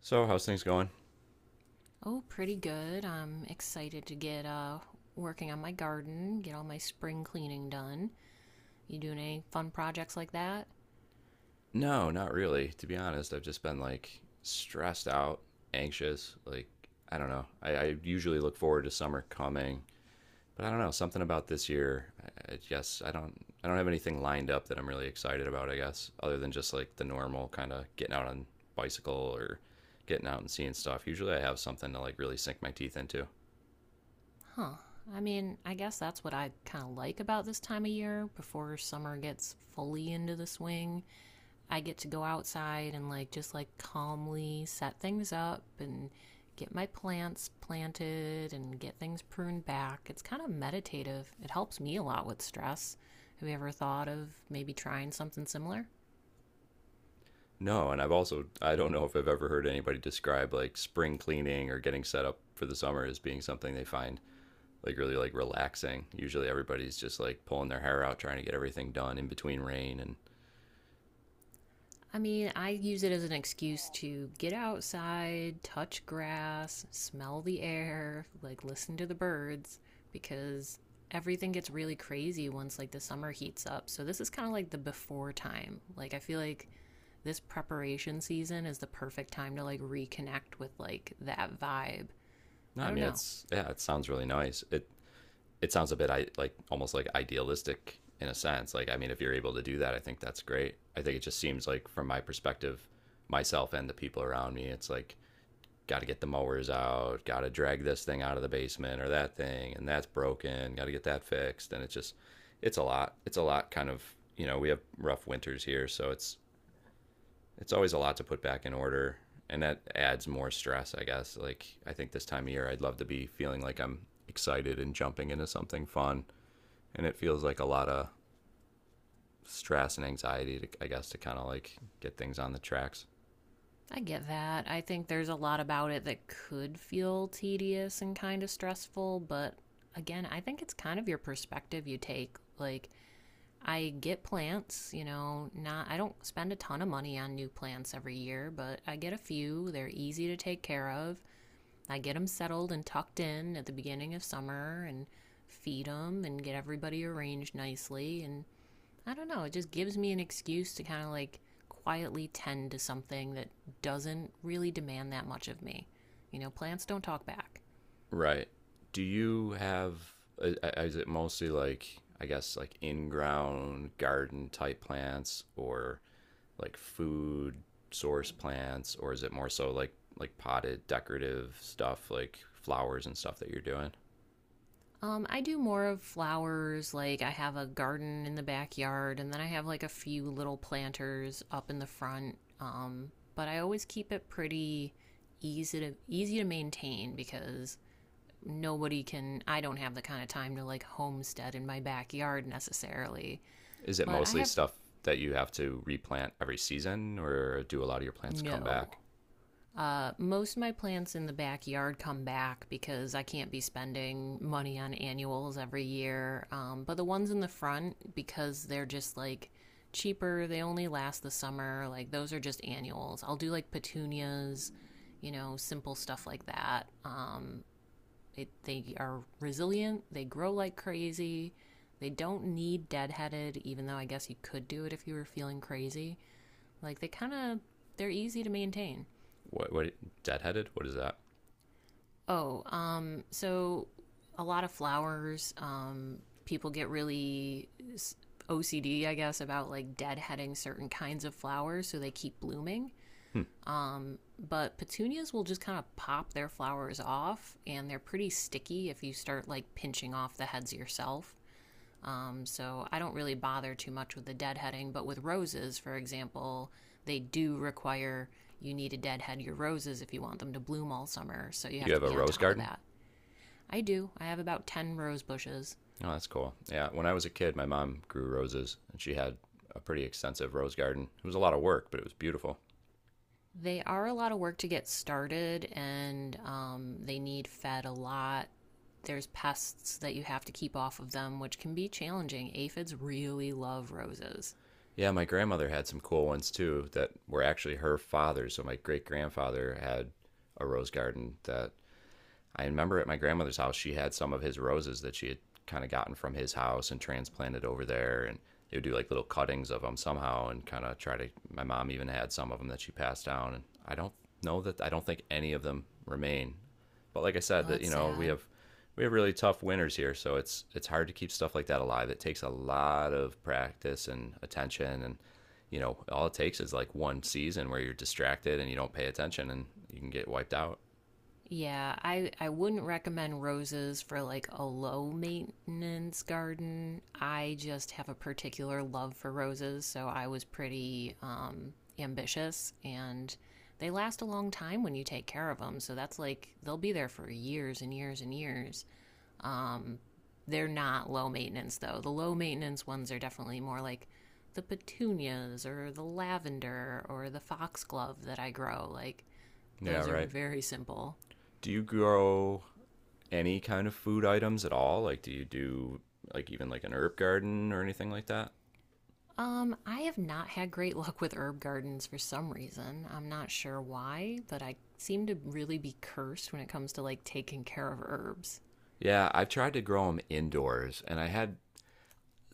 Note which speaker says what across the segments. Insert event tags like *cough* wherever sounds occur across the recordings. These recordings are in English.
Speaker 1: So, how's things going?
Speaker 2: Oh, pretty good. I'm excited to get working on my garden, get all my spring cleaning done. You doing any fun projects like that?
Speaker 1: No, not really. To be honest, I've just been like stressed out, anxious. Like, I don't know. I usually look forward to summer coming, but I don't know. Something about this year. I guess I don't. I don't have anything lined up that I'm really excited about. I guess other than just like the normal kind of getting out on bicycle or getting out and seeing stuff. Usually, I have something to like really sink my teeth into.
Speaker 2: Huh. I mean, I guess that's what I kind of like about this time of year before summer gets fully into the swing. I get to go outside and like just like calmly set things up and get my plants planted and get things pruned back. It's kind of meditative. It helps me a lot with stress. Have you ever thought of maybe trying something similar?
Speaker 1: No, and I've also I don't know if I've ever heard anybody describe like spring cleaning or getting set up for the summer as being something they find like really like relaxing. Usually everybody's just like pulling their hair out trying to get everything done in between rain and
Speaker 2: I mean, I use it as an excuse to get outside, touch grass, smell the air, like listen to the birds because everything gets really crazy once like the summer heats up. So this is kind of like the before time. Like I feel like this preparation season is the perfect time to like reconnect with like that vibe.
Speaker 1: no,
Speaker 2: I
Speaker 1: I
Speaker 2: don't
Speaker 1: mean
Speaker 2: know.
Speaker 1: it's yeah, it sounds really nice. It sounds a bit I like almost like idealistic in a sense. Like I mean if you're able to do that, I think that's great. I think it just seems like from my perspective, myself and the people around me, it's like got to get the mowers out, got to drag this thing out of the basement or that thing and that's broken, got to get that fixed and it's just it's a lot. It's a lot kind of, you know, we have rough winters here, so it's always a lot to put back in order, and that adds more stress, I guess. Like I think this time of year I'd love to be feeling like I'm excited and jumping into something fun, and it feels like a lot of stress and anxiety to, I guess, to kind of like get things on the tracks.
Speaker 2: I get that. I think there's a lot about it that could feel tedious and kind of stressful, but again, I think it's kind of your perspective you take. Like, I get plants, you know, not I don't spend a ton of money on new plants every year, but I get a few. They're easy to take care of. I get them settled and tucked in at the beginning of summer and feed them and get everybody arranged nicely and I don't know, it just gives me an excuse to kind of like quietly tend to something that doesn't really demand that much of me. You know, plants don't talk back.
Speaker 1: Right. Do you have is it mostly like I guess like in ground garden type plants or like food source plants, or is it more so like potted decorative stuff, like flowers and stuff that you're doing?
Speaker 2: I do more of flowers. Like I have a garden in the backyard, and then I have like a few little planters up in the front. But I always keep it pretty easy to maintain because nobody can. I don't have the kind of time to like homestead in my backyard necessarily.
Speaker 1: Is it
Speaker 2: But I
Speaker 1: mostly
Speaker 2: have
Speaker 1: stuff that you have to replant every season, or do a lot of your plants come
Speaker 2: no.
Speaker 1: back?
Speaker 2: Most of my plants in the backyard come back because I can't be spending money on annuals every year. But the ones in the front, because they're just like cheaper, they only last the summer. Like those are just annuals. I'll do like petunias, you know, simple stuff like that. It, they are resilient, they grow like crazy. They don't need deadheaded, even though I guess you could do it if you were feeling crazy. Like they kind of, they're easy to maintain.
Speaker 1: What deadheaded? What is that?
Speaker 2: Oh, so a lot of flowers. People get really OCD, I guess, about like deadheading certain kinds of flowers so they keep blooming.
Speaker 1: Hmm.
Speaker 2: But petunias will just kind of pop their flowers off, and they're pretty sticky if you start like pinching off the heads yourself. So I don't really bother too much with the deadheading, but with roses, for example, they do require you need to deadhead your roses if you want them to bloom all summer. So you
Speaker 1: You
Speaker 2: have to
Speaker 1: have a
Speaker 2: be on
Speaker 1: rose
Speaker 2: top of
Speaker 1: garden?
Speaker 2: that. I do. I have about 10 rose bushes.
Speaker 1: Oh, that's cool. Yeah, when I was a kid, my mom grew roses, and she had a pretty extensive rose garden. It was a lot of work, but it was beautiful.
Speaker 2: They are a lot of work to get started and they need fed a lot. There's pests that you have to keep off of them, which can be challenging. Aphids really love roses.
Speaker 1: Yeah, my grandmother had some cool ones too that were actually her father. So my great grandfather had a rose garden that I remember at my grandmother's house, she had some of his roses that she had kind of gotten from his house and transplanted over there. And they would do like little cuttings of them somehow and kind of try to. My mom even had some of them that she passed down. And I don't know that, I don't think any of them remain. But like I said,
Speaker 2: Oh,
Speaker 1: that,
Speaker 2: that's
Speaker 1: you know, we
Speaker 2: sad.
Speaker 1: have. We have really tough winters here, so it's hard to keep stuff like that alive. It takes a lot of practice and attention, and you know, all it takes is like one season where you're distracted and you don't pay attention, and you can get wiped out.
Speaker 2: Yeah, I wouldn't recommend roses for like a low maintenance garden. I just have a particular love for roses, so I was pretty ambitious and they last a long time when you take care of them. So that's like they'll be there for years and years and years. Um they're not low maintenance though. The low maintenance ones are definitely more like the petunias or the lavender or the foxglove that I grow. Like
Speaker 1: Yeah,
Speaker 2: those are
Speaker 1: right.
Speaker 2: very simple.
Speaker 1: Do you grow any kind of food items at all? Like, do you do like even like an herb garden or anything like that?
Speaker 2: I have not had great *laughs* luck with herb gardens for some reason. I'm not sure why, but I seem to really be cursed when it comes to like taking care of herbs.
Speaker 1: Yeah, I've tried to grow them indoors and I had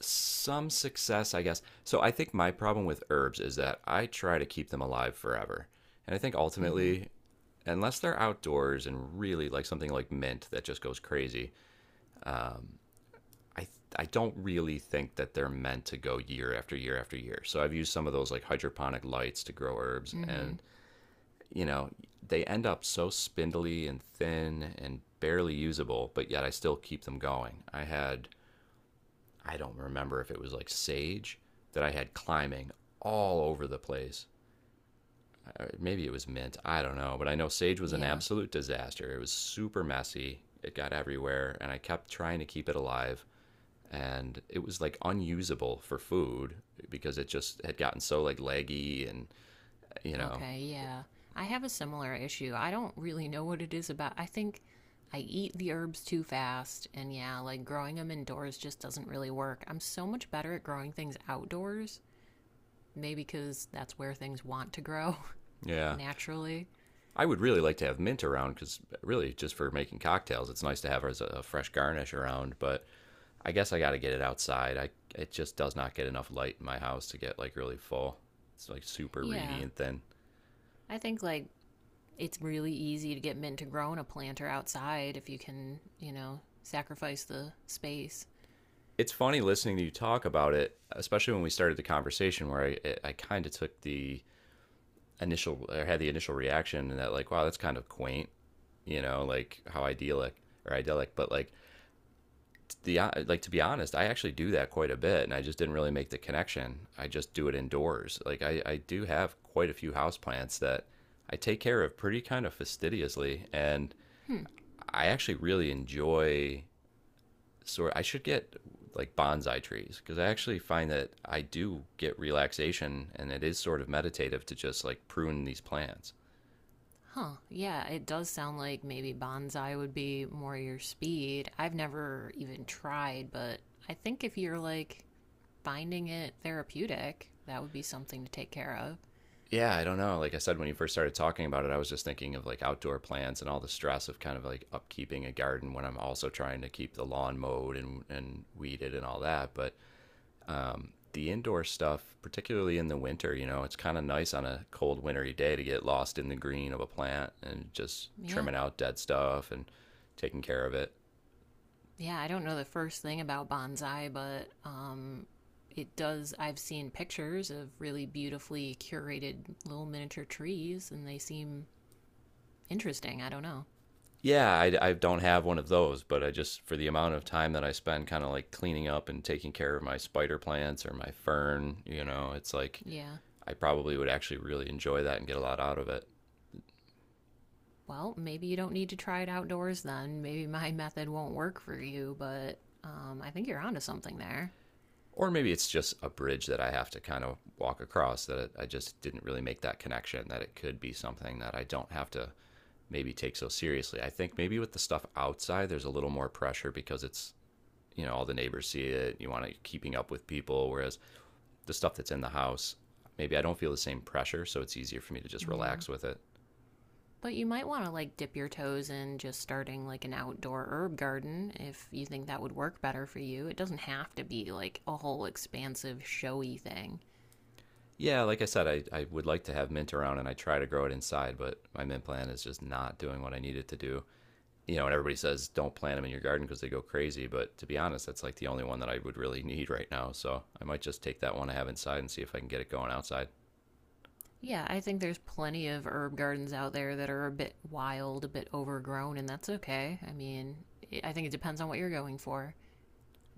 Speaker 1: some success, I guess. So I think my problem with herbs is that I try to keep them alive forever. And I think
Speaker 2: Mm-hmm.
Speaker 1: ultimately, unless they're outdoors and really like something like mint that just goes crazy, um, I I don't really think that they're meant to go year after year after year. So I've used some of those like hydroponic lights to grow herbs
Speaker 2: Mm-hmm.
Speaker 1: and you know, they end up so spindly and thin and barely usable, but yet I still keep them going. I had, I don't remember if it was like sage that I had climbing all over the place. Maybe it was mint, I don't know, but I know sage was an
Speaker 2: Yeah.
Speaker 1: absolute disaster. It was super messy, it got everywhere, and I kept trying to keep it alive. And it was like unusable for food because it just had gotten so like leggy and, you know,
Speaker 2: Okay, yeah. I have a similar issue. I don't really know what it is about. I think I eat the herbs too fast, and yeah, like growing them indoors just doesn't really work. I'm so much better at growing things outdoors, maybe because that's where things want to grow *laughs*
Speaker 1: yeah.
Speaker 2: naturally.
Speaker 1: I would really like to have mint around because really just for making cocktails, it's nice to have as a, fresh garnish around. But I guess I got to get it outside. I it just does not get enough light in my house to get like really full. It's like super reedy
Speaker 2: Yeah,
Speaker 1: and thin.
Speaker 2: I think like it's really easy to get mint to grow in a planter outside if you can, you know, sacrifice the space.
Speaker 1: It's funny listening to you talk about it, especially when we started the conversation where I kind of took the initial or had the initial reaction and that like wow that's kind of quaint, you know, like how idyllic or idyllic, but like the like to be honest, I actually do that quite a bit, and I just didn't really make the connection. I just do it indoors. Like I do have quite a few house plants that I take care of pretty kind of fastidiously, and
Speaker 2: Hmm.
Speaker 1: I actually really enjoy. Sort I should get like bonsai trees because I actually find that I do get relaxation, and it is sort of meditative to just like prune these plants.
Speaker 2: Huh. Yeah, it does sound like maybe bonsai would be more your speed. I've never even tried, but I think if you're like finding it therapeutic, that would be something to take care of.
Speaker 1: Yeah, I don't know. Like I said, when you first started talking about it, I was just thinking of like outdoor plants and all the stress of kind of like upkeeping a garden when I'm also trying to keep the lawn mowed and weeded and all that. But the indoor stuff, particularly in the winter, you know, it's kind of nice on a cold wintry day to get lost in the green of a plant and just
Speaker 2: Yeah.
Speaker 1: trimming out dead stuff and taking care of it.
Speaker 2: Yeah, I don't know the first thing about bonsai, but it does I've seen pictures of really beautifully curated little miniature trees and they seem interesting. I don't know.
Speaker 1: Yeah, I don't have one of those, but I just for the amount of time that I spend kind of like cleaning up and taking care of my spider plants or my fern, you know, it's like
Speaker 2: Yeah.
Speaker 1: I probably would actually really enjoy that and get a lot out of it.
Speaker 2: Well, maybe you don't need to try it outdoors then. Maybe my *laughs* method won't work for you, but I think you're onto something there.
Speaker 1: Or maybe it's just a bridge that I have to kind of walk across that I just didn't really make that connection that it could be something that I don't have to maybe take so seriously. I think maybe with the stuff outside, there's a little more pressure because it's, you know, all the neighbors see it. You want to keeping up with people. Whereas the stuff that's in the house, maybe I don't feel the same pressure, so it's easier for me to just
Speaker 2: Mm.
Speaker 1: relax with it.
Speaker 2: But you might want to like dip your toes in just starting like an outdoor herb garden if you think that would work better for you. It doesn't have to be like a whole expansive, showy thing.
Speaker 1: Yeah, like I said, I would like to have mint around and I try to grow it inside, but my mint plant is just not doing what I need it to do. You know, and everybody says don't plant them in your garden because they go crazy, but to be honest, that's like the only one that I would really *laughs* need right now. So I might just take that one I have inside and see if I can get it going outside.
Speaker 2: Yeah, I think there's plenty of herb gardens out there that are a bit wild, a bit overgrown, and that's okay. I mean, I think it depends on what you're going for.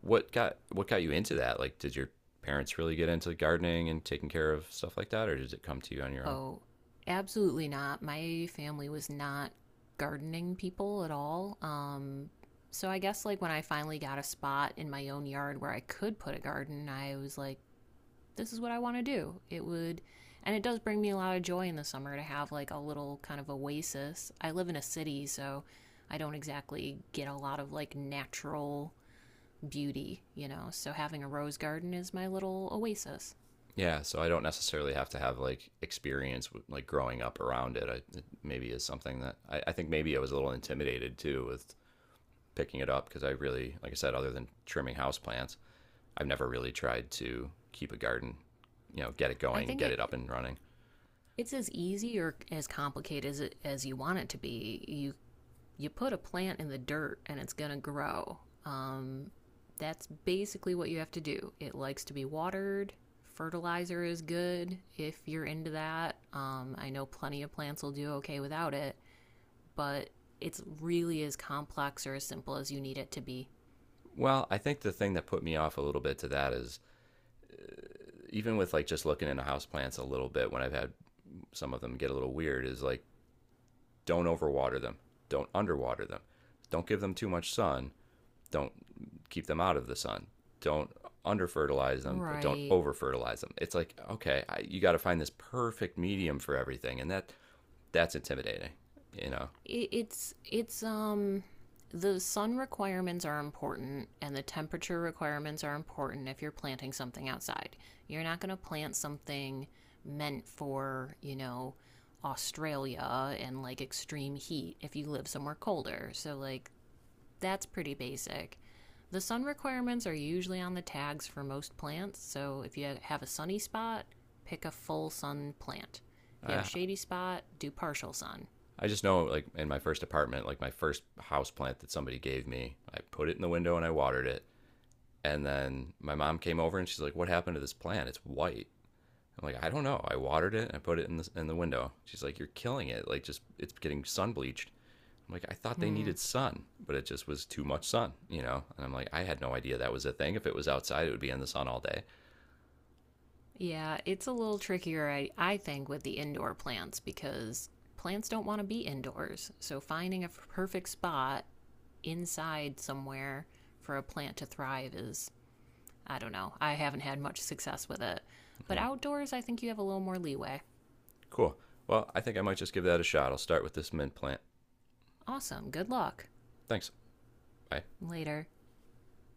Speaker 1: What got you into that? Like, did your parents really get into gardening and taking care of stuff like that, or did it come to you on your own?
Speaker 2: Oh, absolutely not. My family was not gardening people at all. So I guess like when I finally got a spot in my own yard where I could put a garden, I was like, this is what I want to do. It would, and it does bring me a lot of joy in the summer to have like a little kind of oasis. I live in a city, so I don't exactly get a lot of like natural beauty, you know. So having a rose garden is my little oasis.
Speaker 1: Yeah, so I don't necessarily have to have like experience with like growing up around it. I, it maybe is something that I think maybe I was a little intimidated too with picking it up because I really, like I said, other than trimming houseplants, I've never really tried to keep a garden, you know, get it
Speaker 2: I
Speaker 1: going,
Speaker 2: think
Speaker 1: get it up and running.
Speaker 2: it's as easy or as complicated as as you want it to be. You put a plant in the dirt and it's gonna grow. Um, that's basically what you have to do. It likes to be watered. Fertilizer is good if you're into that. I know plenty of plants will do okay without it, but it's really as complex or as simple as you need it to be.
Speaker 1: Well, I think the thing that put me off a little bit to that is even with like just looking into houseplants a little bit when I've had some of them get a little weird is like don't overwater them, don't underwater them, don't give them too much sun. Don't keep them out of the sun. Don't under fertilize them, but don't
Speaker 2: Right,
Speaker 1: over fertilize them. It's like okay, I, you got to find this perfect medium for everything, and that that's intimidating. You know,
Speaker 2: it's the sun requirements are important and the temperature requirements are important if you're planting something outside. You're not going to plant something meant for, you know, Australia and like extreme heat if you live somewhere colder. So like that's pretty basic. The sun requirements are usually on the tags for most plants, so if you have a sunny spot, pick a full sun plant. If you have a
Speaker 1: I
Speaker 2: shady spot, do partial sun.
Speaker 1: I just know like in my first apartment, like my first house plant that somebody gave me, I put it in the window and I watered it, and then my mom came over and she's like, "What happened to this plant? It's white." I'm like, "I don't know. I watered it and I put it in the window." She's like, "You're killing it. Like just it's getting sun bleached." I'm like, I thought they
Speaker 2: Hmm.
Speaker 1: needed sun, but it just was too much sun, you know? And I'm like, I had no idea that was a thing. If it was outside, it would be in the sun all day.
Speaker 2: Yeah, it's a little trickier, I think, with the indoor plants because plants don't want to be indoors. So finding a perfect spot inside somewhere for a plant to thrive is, I don't know. I haven't had much success with it. But
Speaker 1: Yeah,
Speaker 2: outdoors, I think you have a little more leeway.
Speaker 1: cool. Well, I think I might just give that a shot. I'll start with this mint plant.
Speaker 2: Awesome. Good luck.
Speaker 1: Thanks. Bye.
Speaker 2: Later.